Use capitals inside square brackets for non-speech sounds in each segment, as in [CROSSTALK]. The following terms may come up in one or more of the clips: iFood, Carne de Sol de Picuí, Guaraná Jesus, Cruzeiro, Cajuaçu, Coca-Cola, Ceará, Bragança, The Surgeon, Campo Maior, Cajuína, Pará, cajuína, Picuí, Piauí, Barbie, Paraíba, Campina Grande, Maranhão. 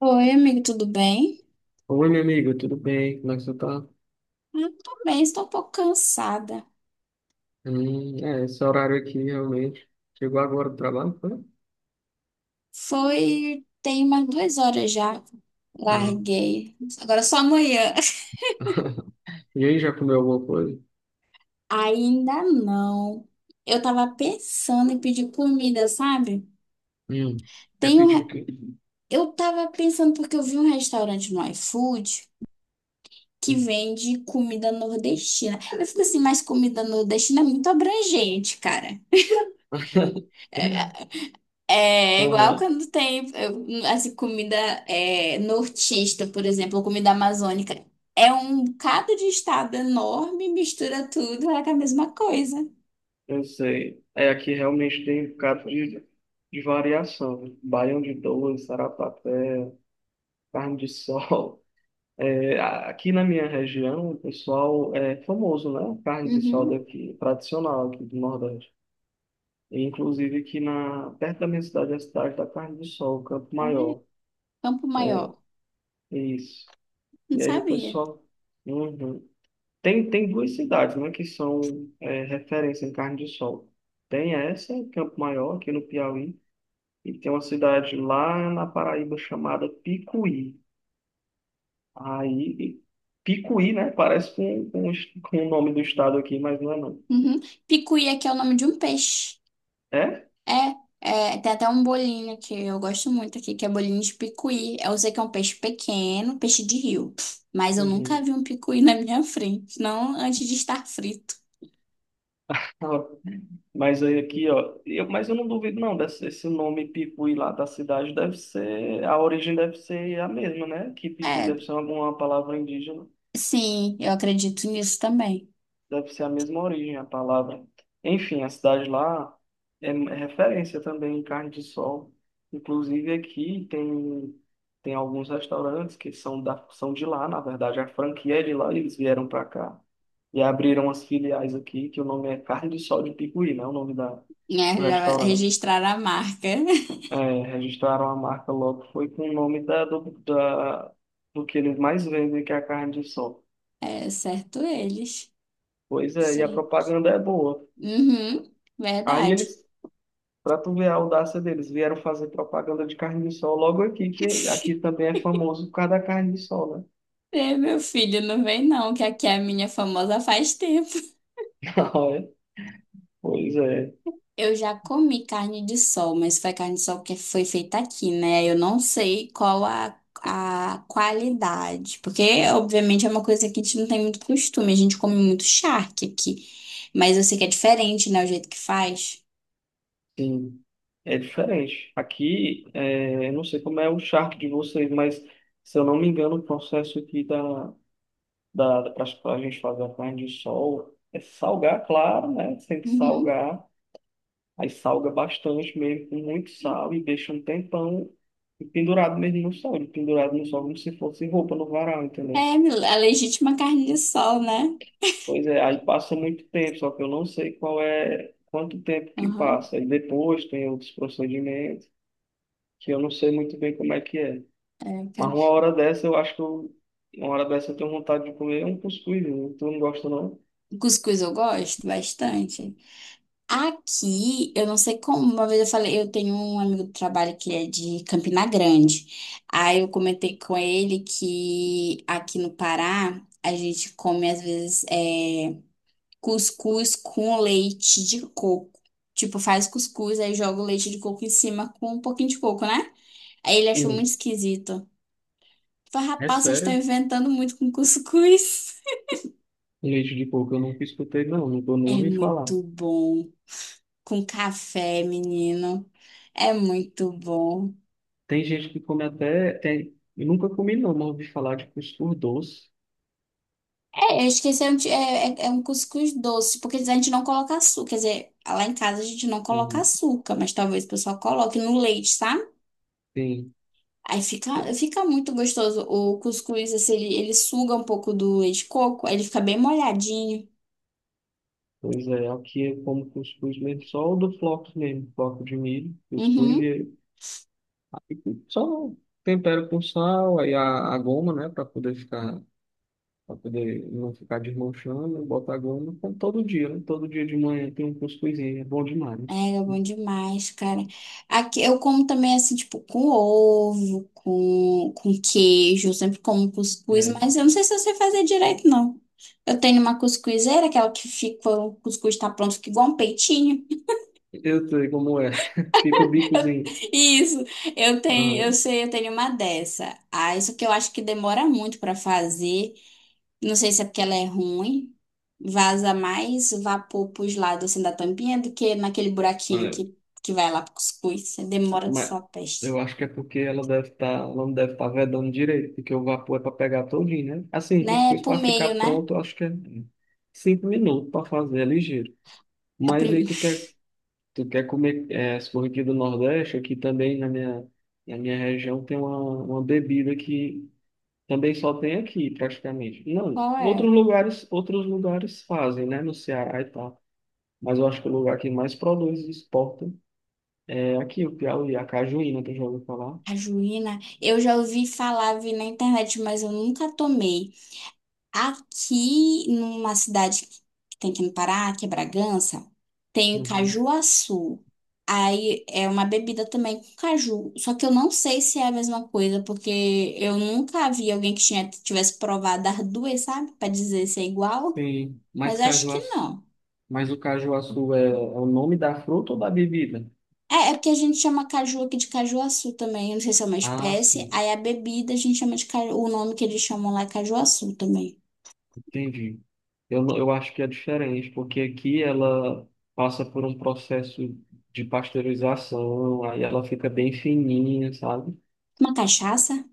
Oi, amigo, tudo bem? Oi, meu amigo, tudo bem? Como é que você tá? Eu tô bem, estou um pouco cansada. É, esse horário aqui realmente. Chegou agora do trabalho, foi? Foi, tem umas 2 horas já. Ah. Larguei. Agora só amanhã. [LAUGHS] E aí, já comeu alguma coisa? [LAUGHS] Ainda não. Eu tava pensando em pedir comida, sabe? Hum. É Tem um, pedir o re- quê? eu tava pensando porque eu vi um restaurante no iFood que Hum. vende comida nordestina. Eu fico assim, mas comida nordestina é muito abrangente, cara. [LAUGHS] É igual Aham, quando tem, assim, comida nortista, por exemplo, ou comida amazônica. É um bocado de estado enorme, mistura tudo, é a mesma coisa. eu sei. É, aqui realmente tem um bocado de variação, né? Baião de dois, sarapatel, carne de sol. [LAUGHS] É, aqui na minha região, o pessoal é famoso, né? Carne de sol Uhum. daqui, tradicional aqui do Nordeste. E, inclusive aqui perto da minha cidade, a cidade da Carne do Sol, Campo É, Maior. Campo É, Maior. é isso. Não E aí o sabia. pessoal. Uhum. Tem duas cidades, né, que são referência em Carne de Sol. Tem essa, Campo Maior, aqui no Piauí, e tem uma cidade lá na Paraíba chamada Picuí. Aí, Picuí, né? Parece com com o nome do estado aqui, mas não é não. Uhum. Picuí que é o nome de um peixe. É? É, é, tem até um bolinho que eu gosto muito aqui, que é bolinho de picuí. Eu sei que é um peixe pequeno, peixe de rio. Mas eu nunca Uhum. vi um picuí na minha frente, não antes de estar frito. [LAUGHS] Ó, mas aí aqui, ó, mas eu não duvido não, esse nome Picuí lá da cidade deve ser, a origem deve ser a mesma, né? Que Picuí É, deve ser alguma palavra indígena, sim, eu acredito nisso também. deve ser a mesma origem, a palavra. Enfim, a cidade lá é referência também em carne de sol. Inclusive aqui tem alguns restaurantes que são são de lá, na verdade, a franquia é de lá, eles vieram para cá e abriram as filiais aqui, que o nome é Carne de Sol de Picuí, né? O nome da, Né, do já restaurante. registrar a marca. [LAUGHS] É, registraram a marca logo, foi com o nome do que eles mais vendem, que é a carne de sol. É, certo eles. Pois é, e a Sim. propaganda é boa. Uhum, Aí verdade. eles Para tu ver a audácia deles, vieram fazer propaganda de carne de sol logo aqui, que aqui [LAUGHS] também é famoso por causa da carne de sol, né? É, meu filho, não vem não, que aqui é a minha famosa faz tempo. [LAUGHS] Não, é? Pois é, Eu já comi carne de sol, mas foi carne de sol que foi feita aqui, né? Eu não sei qual a qualidade, porque obviamente é uma coisa que a gente não tem muito costume, a gente come muito charque aqui, mas eu sei que é diferente, né, o jeito que faz. sim, é diferente. Aqui, eu não sei como é o charque de vocês, mas se eu não me engano, o processo aqui da, da, para a gente fazer a carne de sol é salgar, claro, né? Tem que Uhum. salgar, aí salga bastante mesmo, com muito sal e deixa um tempão pendurado mesmo no sol, pendurado no sol como se fosse roupa no varal, entendeu? É, a legítima carne de sol, né? Pois é, aí passa muito tempo, só que eu não sei quanto tempo que Aham, passa. E depois tem outros procedimentos, que eu não sei muito bem como é que é. é, Mas cara. Uma hora dessa eu tenho vontade de comer um cuscuz, né? Tu não gosta não? Cuscuz eu gosto bastante. Aqui, eu não sei como, uma vez eu falei, eu tenho um amigo do trabalho que é de Campina Grande. Aí eu comentei com ele que aqui no Pará, a gente come às vezes cuscuz com leite de coco. Tipo, faz cuscuz, aí joga o leite de coco em cima com um pouquinho de coco, né? Aí ele achou muito Hum, esquisito. é Farrapaça está sério? inventando muito com cuscuz. Leite de porco eu nunca escutei não, nunca nem É ouvi falar. muito bom. Com café, menino. É muito bom. Tem gente que come até, eu nunca comi não, mas ouvi falar de cuscuz doce. É, eu esqueci, é um cuscuz doce, porque a gente não coloca açúcar. Quer dizer, lá em casa a gente não coloca Uhum. açúcar, mas talvez o pessoal coloque no leite, sabe? Tem. Aí fica muito gostoso. O cuscuz, assim, ele suga um pouco do leite de coco, aí ele fica bem molhadinho. Pois é, aqui eu como cuscuz mesmo, só o do floco mesmo, floco de milho, cuscuz, Uhum. e só tempero com sal, aí a goma, né, para poder ficar, para poder não ficar desmanchando, bota a goma, como todo dia, né, todo dia de manhã tem um cuscuzinho, é bom demais. É, é bom demais, cara. Aqui eu como também assim, tipo, com ovo, com queijo, eu sempre como cuscuz, Né? mas É, eu não sei se eu sei fazer direito, não. Eu tenho uma cuscuzeira, aquela que fica, o cuscuz tá pronto, fica igual um peitinho. eu sei como é, [LAUGHS] fica o bicozinho. [LAUGHS] Isso, eu tenho, eu sei, eu tenho uma dessa. Ah, isso que eu acho que demora muito pra fazer. Não sei se é porque ela é ruim. Vaza mais vapor pros lados assim da tampinha do que naquele buraquinho Aham. que vai lá pro cuscuz. Você demora com Mas sua peste. eu acho que é porque ela deve estar, ela não deve estar vedando direito, porque o vapor é para pegar todinho, né? Assim, o Né? É cuscuz pro para ficar meio, né? pronto, eu acho que é 5 minutos para fazer, é ligeiro. A Mas prim... aí tu quer comer, é, se for aqui do Nordeste, aqui também na minha região tem uma bebida que também só tem aqui, praticamente. [LAUGHS] Não, Qual é? Outros lugares fazem, né? No Ceará e tal. Mas eu acho que o lugar que mais produz e exporta é aqui, o Piauí, a cajuína, tu já ouviu falar? A juína. Eu já ouvi falar, vi na internet, mas eu nunca tomei. Aqui, numa cidade que tem aqui no Pará, que é Bragança, tem o Uhum. cajuaçu. Aí é uma bebida também com caju. Só que eu não sei se é a mesma coisa, porque eu nunca vi alguém que tinha, tivesse provado as duas, sabe? Pra dizer se é igual. Sim, Mas eu acho que não. mas o cajuaçu é o nome da fruta ou da bebida? É, é porque a gente chama caju aqui de cajuaçu também. Eu não sei se é uma Ah, espécie. sim, Aí a bebida a gente chama de caju. O nome que eles chamam lá é cajuaçu também. entendi. Eu, não- eu acho que é diferente, porque aqui ela passa por um processo de pasteurização, aí ela fica bem fininha, sabe? Uma cachaça?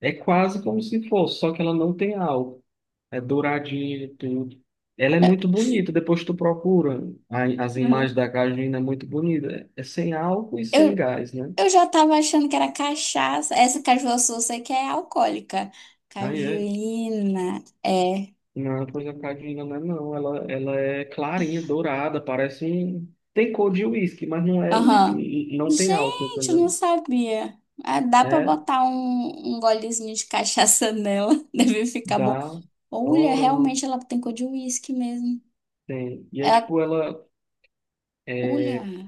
É quase como se fosse, só que ela não tem álcool. É douradinha e tudo. Ela é muito bonita, depois tu procura as imagens Uhum. da cajuína, é muito bonita. É sem álcool e sem Eu, gás, né? Eu já tava achando que era cachaça. Essa cajuaçu eu sei que é alcoólica. Aí é. Cajuína. É. Não, pois a Cadinga não é não. Ela é clarinha, dourada, tem cor de uísque, mas não é uísque. Aham. Não tem álcool, Gente, eu não entendeu? sabia. Ah, dá pra É botar um, golezinho de cachaça nela. [LAUGHS] Deve ficar da bom. Olha, orano realmente ela tem cor de uísque mesmo. tem. E é Ela... tipo, ela é, Olha,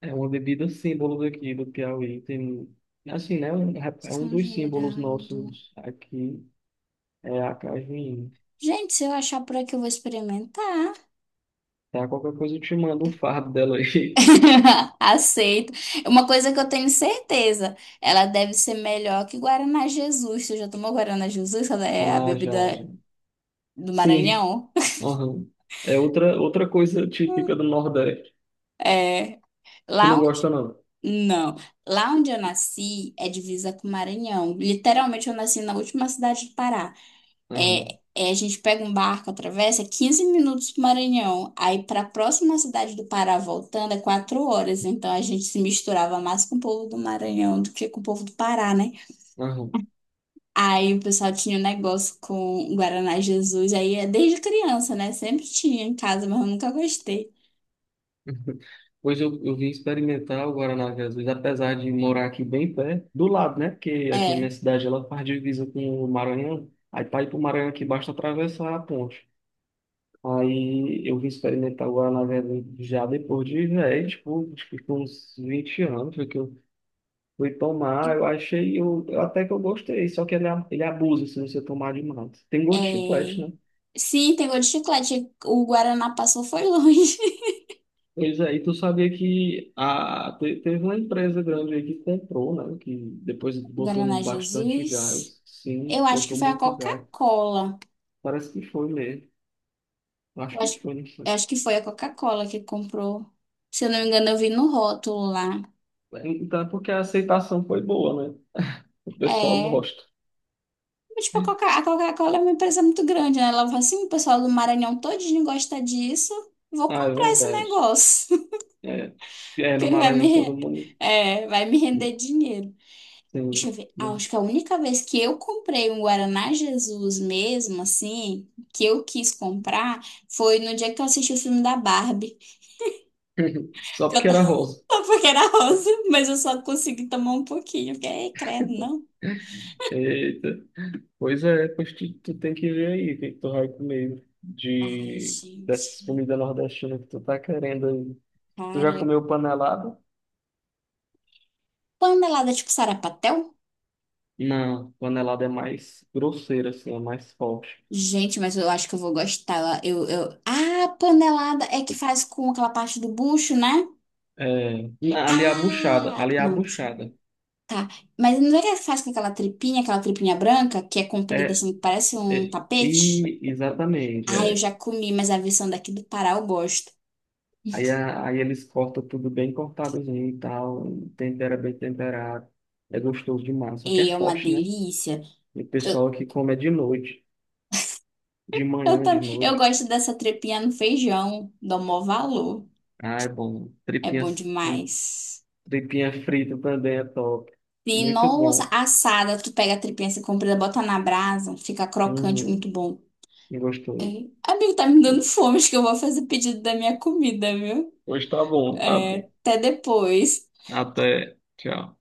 é uma bebida símbolo daqui do Piauí. Tem, assim, né? É um São dos símbolos Geraldo. nossos aqui, é a cajuína. Gente, se eu achar por aqui, eu vou experimentar. Tá, qualquer coisa eu te mando um fardo dela aí. [LAUGHS] [LAUGHS] Aceito. Uma coisa que eu tenho certeza, ela deve ser melhor que Guaraná Jesus. Tu já tomou Guaraná Jesus? Ela é a Ah, já, já. bebida do Sim, Maranhão? aham. É outra coisa Hum. típica do Nordeste. É. Tu Lá não onde... gosta, não. Não. Lá onde eu nasci é divisa com o Maranhão. Literalmente, eu nasci na última cidade do Pará. É, Aham, é, a gente pega um barco, atravessa 15 minutos pro Maranhão. Aí, para a próxima cidade do Pará, voltando, é 4 horas. Então, a gente se misturava mais com o povo do Maranhão do que com o povo do Pará, né? aham. Aí o pessoal tinha um negócio com Guaraná Jesus, aí é desde criança, né? Sempre tinha em casa, mas eu nunca gostei. Pois eu vim experimentar o Guaraná Jesus, apesar de morar aqui bem perto, do lado, né? Porque aqui a É, minha cidade ela faz divisa com o Maranhão. Aí para ir para o Maranhão aqui basta atravessar a ponte. Aí eu vim experimentar o Guaraná Jesus já depois de velho, tipo, acho que com uns 20 anos foi que eu fui tomar. Eu achei, eu até que eu gostei, só que ele, ele abusa se você tomar demais. Tem gosto de chiclete, né? é, Sim, tem gosto de chiclete. O Guaraná passou foi longe. Pois é, e tu sabia que teve uma empresa grande aí que comprou, né? Que depois [LAUGHS] botou Guaraná bastante Jesus. gás. Sim, Eu acho que botou foi a muito gás. Coca-Cola. Parece que foi mesmo. Acho Eu acho, que foi, não eu sei. acho que foi a Coca-Cola que comprou. Se eu não me engano, eu vi no rótulo lá. Então, é porque a aceitação foi boa, né? O pessoal É. gosta. Mas, tipo, a Coca-Cola é uma empresa muito grande, né? Ela falou assim, o pessoal do Maranhão todinho gosta disso. Vou Ah, é comprar esse verdade. negócio. É, é no que vai me, Maranhão todo re- mundo. é, vai me render dinheiro. Deixa Sim, eu ver. né? Ah, acho que a única vez que eu comprei um Guaraná Jesus mesmo, assim, que eu quis comprar, foi no dia que eu assisti o filme da Barbie. [LAUGHS] Só Que eu porque tava era rosa. [LAUGHS] porque era rosa, mas eu só consegui tomar um pouquinho. Porque, "Ei, credo, não. Eita. Pois é, pois tu tem que ver aí o que que tu vai comer Ai, dessas gente. comidas nordestinas que tu tá querendo aí. Tu já Cara. comeu panelada? Panelada tipo sarapatel? Não, panelada é mais grosseira, assim, é mais forte. Gente, mas eu acho que eu vou gostar. Ah, panelada é que faz com aquela parte do bucho, né? É, ali é a buchada, Ah! ali é a Não. buchada. Tá, mas não é que faz com aquela tripinha branca, que é comprida É, assim, que parece um é, tapete? e, exatamente, Ah, eu é. já comi, mas a versão daqui do Pará eu gosto. Aí, aí eles cortam tudo bem cortadozinho e tal, tempera bem temperado. É gostoso demais, só E que é é uma forte, né? delícia. E o Eu, pessoal aqui come é de noite, de eu, manhã, tam- de eu noite. gosto dessa tripinha no feijão, dou maior valor. Ah, é bom. É bom um, demais. Tripinha frita também é top. E Muito nossa, bom. assada, tu pega a tripinha assim comprida, bota na brasa, fica crocante, muito Uhum, bom. É, gostoso. amigo, tá me dando fome, acho que eu vou fazer pedido da minha comida, viu? Hoje tá bom, tá É, bom. até depois. Até. Tchau.